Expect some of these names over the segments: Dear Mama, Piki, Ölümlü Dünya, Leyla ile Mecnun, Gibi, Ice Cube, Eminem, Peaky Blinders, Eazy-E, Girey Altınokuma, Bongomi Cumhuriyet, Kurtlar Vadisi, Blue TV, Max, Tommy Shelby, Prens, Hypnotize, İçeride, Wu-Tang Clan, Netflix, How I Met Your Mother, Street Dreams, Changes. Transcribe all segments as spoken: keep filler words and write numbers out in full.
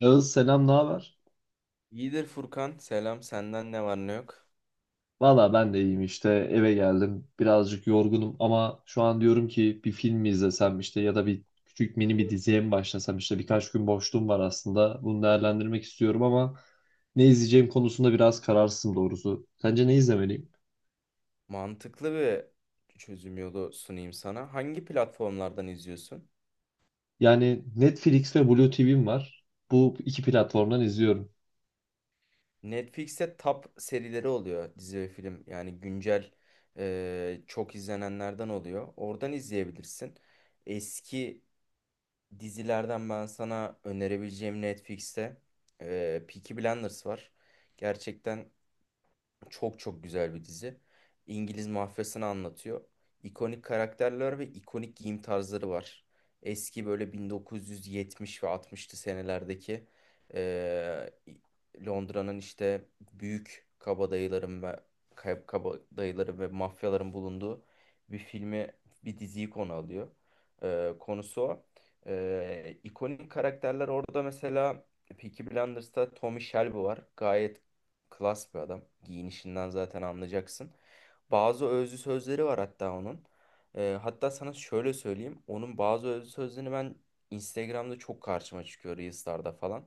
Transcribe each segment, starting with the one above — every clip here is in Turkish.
Yağız, selam, ne haber? İyidir Furkan. Selam. Senden ne var ne yok? Valla ben de iyiyim işte, eve geldim, birazcık yorgunum ama şu an diyorum ki bir film mi izlesem işte ya da bir küçük mini bir diziye mi başlasam, işte birkaç gün boşluğum var, aslında bunu değerlendirmek istiyorum ama ne izleyeceğim konusunda biraz kararsızım doğrusu. Sence ne izlemeliyim? Mantıklı bir çözüm yolu sunayım sana. Hangi platformlardan izliyorsun? Yani Netflix ve Blue T V'm var, bu iki platformdan izliyorum. Netflix'te top serileri oluyor. Dizi ve film. Yani güncel e, çok izlenenlerden oluyor. Oradan izleyebilirsin. Eski dizilerden ben sana önerebileceğim Netflix'te e, Peaky Blinders var. Gerçekten çok çok güzel bir dizi. İngiliz mafyasını anlatıyor. İkonik karakterler ve ikonik giyim tarzları var. Eski böyle bin dokuz yüz yetmiş ve altmışlı senelerdeki eee, Londra'nın işte büyük kabadayıların ve kay- kabadayıların ve mafyaların bulunduğu bir filmi, bir diziyi konu alıyor. Eee, konusu o. Eee ikonik karakterler orada mesela Peaky Blinders'ta Tommy Shelby var. Gayet klas bir adam. Giyinişinden zaten anlayacaksın. Bazı özlü sözleri var hatta onun. Ee, hatta sana şöyle söyleyeyim. Onun bazı özlü sözlerini ben Instagram'da çok karşıma çıkıyor Reels'larda falan.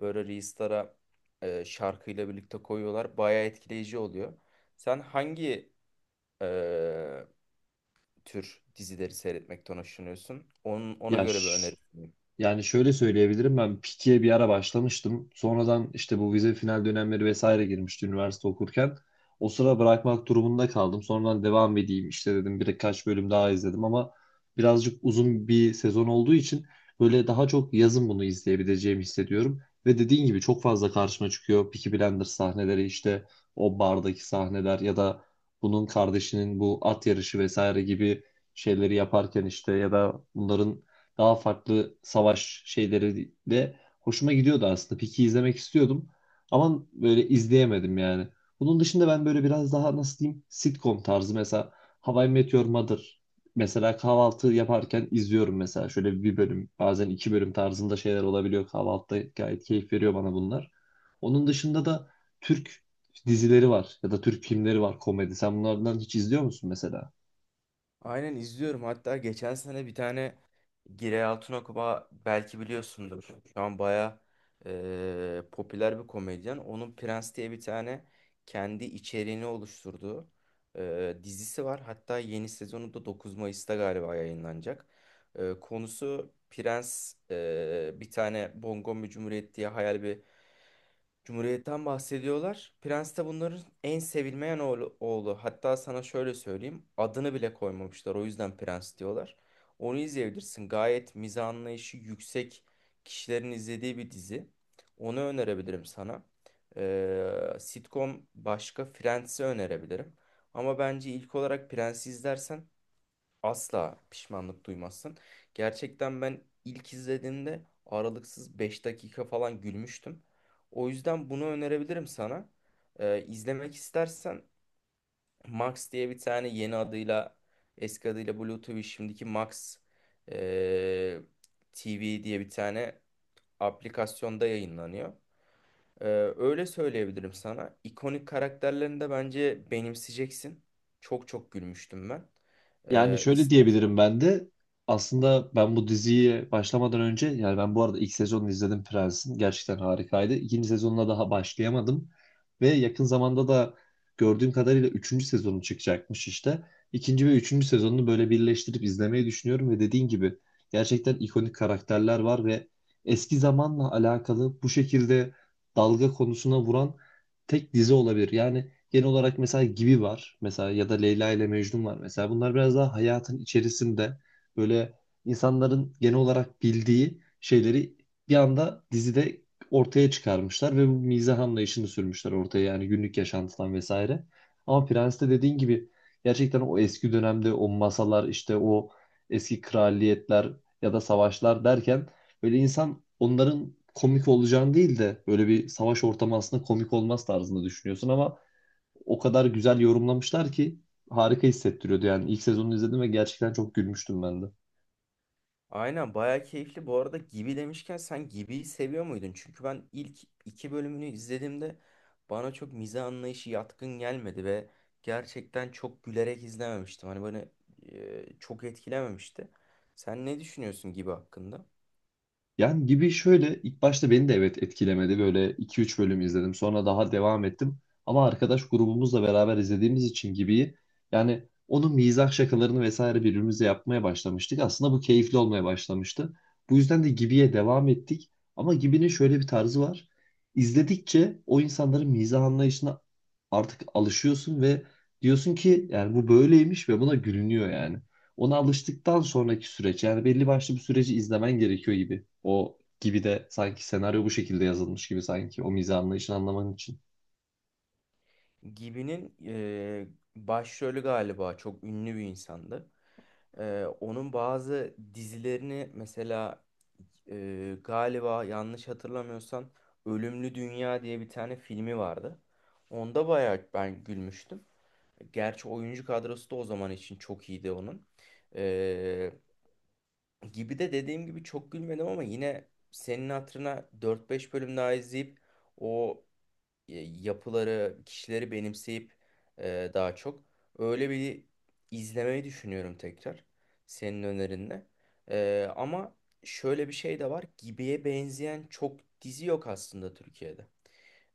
Böyle Reels'lara e, şarkıyla birlikte koyuyorlar. Bayağı etkileyici oluyor. Sen hangi e, tür dizileri seyretmekten hoşlanıyorsun? Onun, ona Ya göre bir ş- öneri. Yani şöyle söyleyebilirim, ben Piki'ye bir ara başlamıştım. Sonradan işte bu vize final dönemleri vesaire girmişti üniversite okurken. O sıra bırakmak durumunda kaldım. Sonradan devam edeyim işte dedim, birkaç bölüm daha izledim ama birazcık uzun bir sezon olduğu için böyle daha çok yazın bunu izleyebileceğimi hissediyorum. Ve dediğin gibi çok fazla karşıma çıkıyor Peaky Blinders sahneleri, işte o bardaki sahneler ya da bunun kardeşinin bu at yarışı vesaire gibi şeyleri yaparken işte, ya da bunların daha farklı savaş şeyleri de hoşuma gidiyordu aslında. Peak'i izlemek istiyordum ama böyle izleyemedim yani. Bunun dışında ben böyle biraz daha nasıl diyeyim, sitcom tarzı, mesela How I Met Your Mother mesela, kahvaltı yaparken izliyorum, mesela şöyle bir bölüm bazen iki bölüm tarzında şeyler olabiliyor, kahvaltıda gayet keyif veriyor bana bunlar. Onun dışında da Türk dizileri var ya da Türk filmleri var, komedi. Sen bunlardan hiç izliyor musun mesela? Aynen izliyorum. Hatta geçen sene bir tane Girey Altınokuma belki biliyorsundur. Şu an baya eee, popüler bir komedyen. Onun Prens diye bir tane kendi içeriğini oluşturduğu eee, dizisi var. Hatta yeni sezonu da dokuz Mayıs'ta galiba yayınlanacak. Eee, konusu Prens eee, bir tane Bongomi Cumhuriyet diye hayal bir Cumhuriyet'ten bahsediyorlar. Prens de bunların en sevilmeyen oğlu, oğlu. Hatta sana şöyle söyleyeyim. Adını bile koymamışlar. O yüzden prens diyorlar. Onu izleyebilirsin. Gayet mizah anlayışı yüksek kişilerin izlediği bir dizi. Onu önerebilirim sana. Ee, sitcom başka Friends'i önerebilirim. Ama bence ilk olarak Prens'i izlersen asla pişmanlık duymazsın. Gerçekten ben ilk izlediğimde aralıksız beş dakika falan gülmüştüm. O yüzden bunu önerebilirim sana. Ee, izlemek istersen Max diye bir tane yeni adıyla eski adıyla Blue T V şimdiki Max ee, T V diye bir tane aplikasyonda yayınlanıyor. Ee, Öyle söyleyebilirim sana. İkonik karakterlerini de bence benimseyeceksin. Çok çok gülmüştüm ben. Yani Ee, şöyle diyebilirim ben de. Aslında ben bu diziye başlamadan önce, yani ben bu arada ilk sezonunu izledim Prens'in. Gerçekten harikaydı. İkinci sezonuna daha başlayamadım. Ve yakın zamanda da gördüğüm kadarıyla üçüncü sezonu çıkacakmış işte. İkinci ve üçüncü sezonunu böyle birleştirip izlemeyi düşünüyorum ve dediğin gibi gerçekten ikonik karakterler var ve eski zamanla alakalı bu şekilde dalga konusuna vuran tek dizi olabilir. Yani genel olarak mesela Gibi var. Mesela ya da Leyla ile Mecnun var. Mesela bunlar biraz daha hayatın içerisinde böyle insanların genel olarak bildiği şeyleri bir anda dizide ortaya çıkarmışlar ve bu mizah anlayışını sürmüşler ortaya, yani günlük yaşantıdan vesaire. Ama Prens'te dediğin gibi gerçekten o eski dönemde o masalar işte, o eski kraliyetler ya da savaşlar derken, böyle insan onların komik olacağını değil de böyle bir savaş ortamı aslında komik olmaz tarzında düşünüyorsun ama o kadar güzel yorumlamışlar ki harika hissettiriyordu yani. İlk sezonu izledim ve gerçekten çok gülmüştüm ben de. Aynen bayağı keyifli. Bu arada Gibi demişken sen Gibi'yi seviyor muydun? Çünkü ben ilk iki bölümünü izlediğimde bana çok mizah anlayışı yatkın gelmedi ve gerçekten çok gülerek izlememiştim. Hani bana e, çok etkilememişti. Sen ne düşünüyorsun Gibi hakkında? Yani gibi şöyle, ilk başta beni de evet etkilemedi. Böyle iki üç bölüm izledim. Sonra daha devam ettim. Ama arkadaş grubumuzla beraber izlediğimiz için gibi, yani onun mizah şakalarını vesaire birbirimize yapmaya başlamıştık. Aslında bu keyifli olmaya başlamıştı. Bu yüzden de Gibi'ye devam ettik. Ama Gibi'nin şöyle bir tarzı var. İzledikçe o insanların mizah anlayışına artık alışıyorsun ve diyorsun ki yani bu böyleymiş ve buna gülünüyor, yani ona alıştıktan sonraki süreç, yani belli başlı bir süreci izlemen gerekiyor gibi. O gibi de sanki senaryo bu şekilde yazılmış gibi, sanki o mizah anlayışını anlaman için. Gibi'nin e, başrolü galiba çok ünlü bir insandı. Ee, onun bazı dizilerini mesela e, galiba yanlış hatırlamıyorsam Ölümlü Dünya diye bir tane filmi vardı. Onda bayağı ben gülmüştüm. Gerçi oyuncu kadrosu da o zaman için çok iyiydi onun. Ee, Gibi de dediğim gibi çok gülmedim ama yine senin hatırına dört beş bölüm daha izleyip o e, yapıları, kişileri benimseyip e, daha çok öyle bir izlemeyi düşünüyorum tekrar senin önerinle. E, ama şöyle bir şey de var. Gibi'ye benzeyen çok dizi yok aslında Türkiye'de.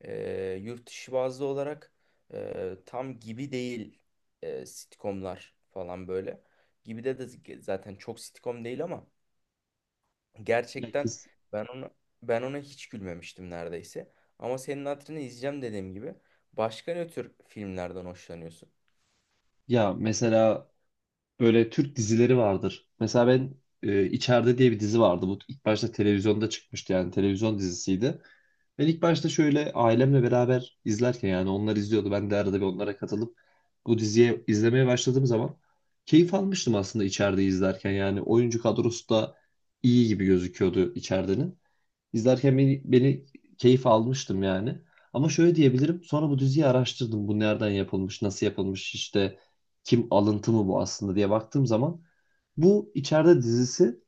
E, yurt dışı bazlı olarak e, tam Gibi değil e, sitcomlar falan böyle. Gibi'de de zaten çok sitcom değil ama Ya, gerçekten kes- ben ona ben ona hiç gülmemiştim neredeyse. Ama senin hatırını izleyeceğim dediğim gibi. Başka ne tür filmlerden hoşlanıyorsun? ya mesela, böyle Türk dizileri vardır. Mesela ben e, İçeride diye bir dizi vardı. Bu ilk başta televizyonda çıkmıştı, yani televizyon dizisiydi. Ben ilk başta şöyle ailemle beraber izlerken, yani onlar izliyordu. Ben de arada bir onlara katılıp bu diziye izlemeye başladığım zaman keyif almıştım aslında İçeride izlerken. Yani oyuncu kadrosu da iyi gibi gözüküyordu içeride. İzlerken beni, beni keyif almıştım yani. Ama şöyle diyebilirim. Sonra bu diziyi araştırdım. Bu nereden yapılmış, nasıl yapılmış, işte kim, alıntı mı bu aslında diye baktığım zaman bu içeride dizisi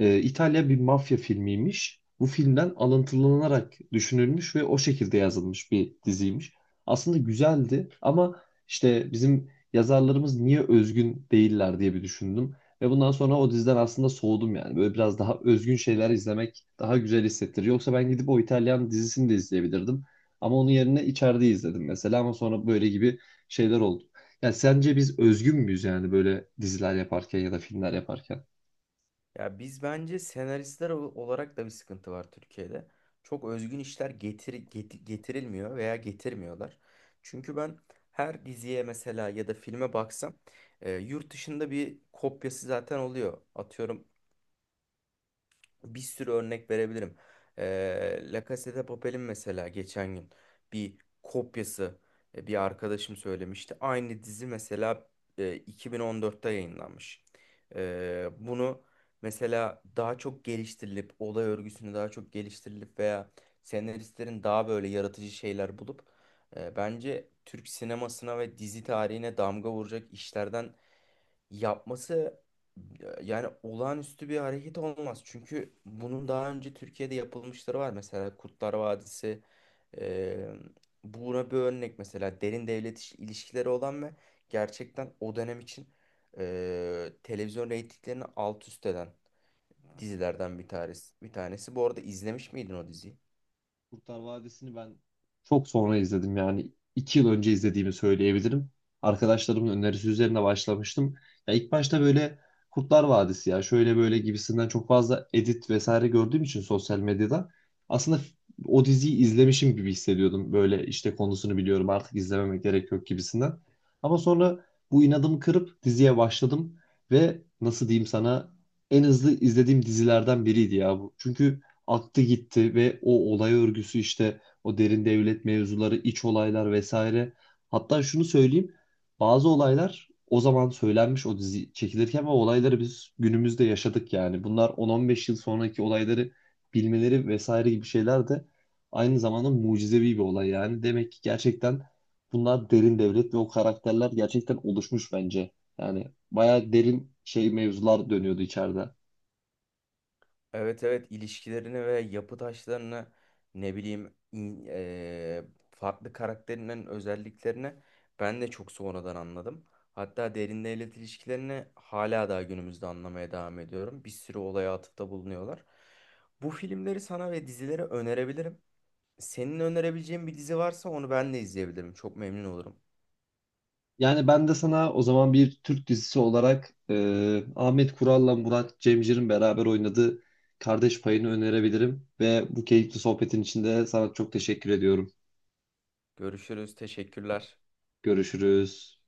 e, İtalya bir mafya filmiymiş. Bu filmden alıntılanarak düşünülmüş ve o şekilde yazılmış bir diziymiş. Aslında güzeldi ama işte bizim yazarlarımız niye özgün değiller diye bir düşündüm. Ve bundan sonra o diziden aslında soğudum yani. Böyle biraz daha özgün şeyler izlemek daha güzel hissettiriyor. Yoksa ben gidip o İtalyan dizisini de izleyebilirdim. Ama onun yerine içeride izledim mesela, ama sonra böyle gibi şeyler oldu. Yani sence biz özgün müyüz yani, böyle diziler yaparken ya da filmler yaparken? Ya biz bence senaristler ol- olarak da bir sıkıntı var Türkiye'de. Çok özgün işler getir, get- getirilmiyor veya getirmiyorlar. Çünkü ben her diziye mesela ya da filme baksam e, yurt dışında bir kopyası zaten oluyor. Atıyorum bir sürü örnek verebilirim. Ee, La Casa de Papel'in mesela geçen gün bir kopyası e, bir arkadaşım söylemişti. Aynı dizi mesela e, iki bin on dörtte yayınlanmış. Ee, bunu mesela daha çok geliştirilip, olay örgüsünü daha çok geliştirilip veya senaristlerin daha böyle yaratıcı şeyler bulup e, bence Türk sinemasına ve dizi tarihine damga vuracak işlerden yapması e, yani olağanüstü bir hareket olmaz. Çünkü bunun daha önce Türkiye'de yapılmışları var. Mesela Kurtlar Vadisi e, buna bir örnek mesela derin devlet iş- ilişkileri olan ve gerçekten o dönem için e, televizyon reytinglerini alt üst eden dizilerden bir tanesi. Bir tanesi. Bu arada izlemiş miydin o diziyi? Kurtlar Vadisi'ni ben çok sonra izledim, yani iki yıl önce izlediğimi söyleyebilirim. Arkadaşlarımın önerisi üzerine başlamıştım. Ya ilk başta böyle Kurtlar Vadisi ya şöyle böyle gibisinden çok fazla edit vesaire gördüğüm için sosyal medyada, aslında o diziyi izlemişim gibi hissediyordum. Böyle işte konusunu biliyorum artık, izlememe gerek yok gibisinden. Ama sonra bu inadımı kırıp diziye başladım ve nasıl diyeyim sana, en hızlı izlediğim dizilerden biriydi ya bu. Çünkü attı gitti ve o olay örgüsü işte, o derin devlet mevzuları, iç olaylar vesaire. Hatta şunu söyleyeyim. Bazı olaylar o zaman söylenmiş o dizi çekilirken ve olayları biz günümüzde yaşadık yani. Bunlar on on beş yıl sonraki olayları bilmeleri vesaire gibi şeyler de aynı zamanda mucizevi bir olay yani. Demek ki gerçekten bunlar derin devlet ve o karakterler gerçekten oluşmuş bence. Yani bayağı derin şey mevzular dönüyordu içeride. Evet, evet, ilişkilerini ve yapı taşlarını ne bileyim in- eee, farklı karakterinden özelliklerini ben de çok sonradan anladım. Hatta derin devlet ilişkilerini hala daha günümüzde anlamaya devam ediyorum. Bir sürü olaya atıfta bulunuyorlar. Bu filmleri sana ve dizileri önerebilirim. Senin önerebileceğin bir dizi varsa onu ben de izleyebilirim. Çok memnun olurum. Yani ben de sana o zaman bir Türk dizisi olarak e, Ahmet Kural'la Murat Cemcir'in beraber oynadığı Kardeş Payı'nı önerebilirim. Ve bu keyifli sohbetin içinde sana çok teşekkür ediyorum. Görüşürüz. Teşekkürler. Görüşürüz.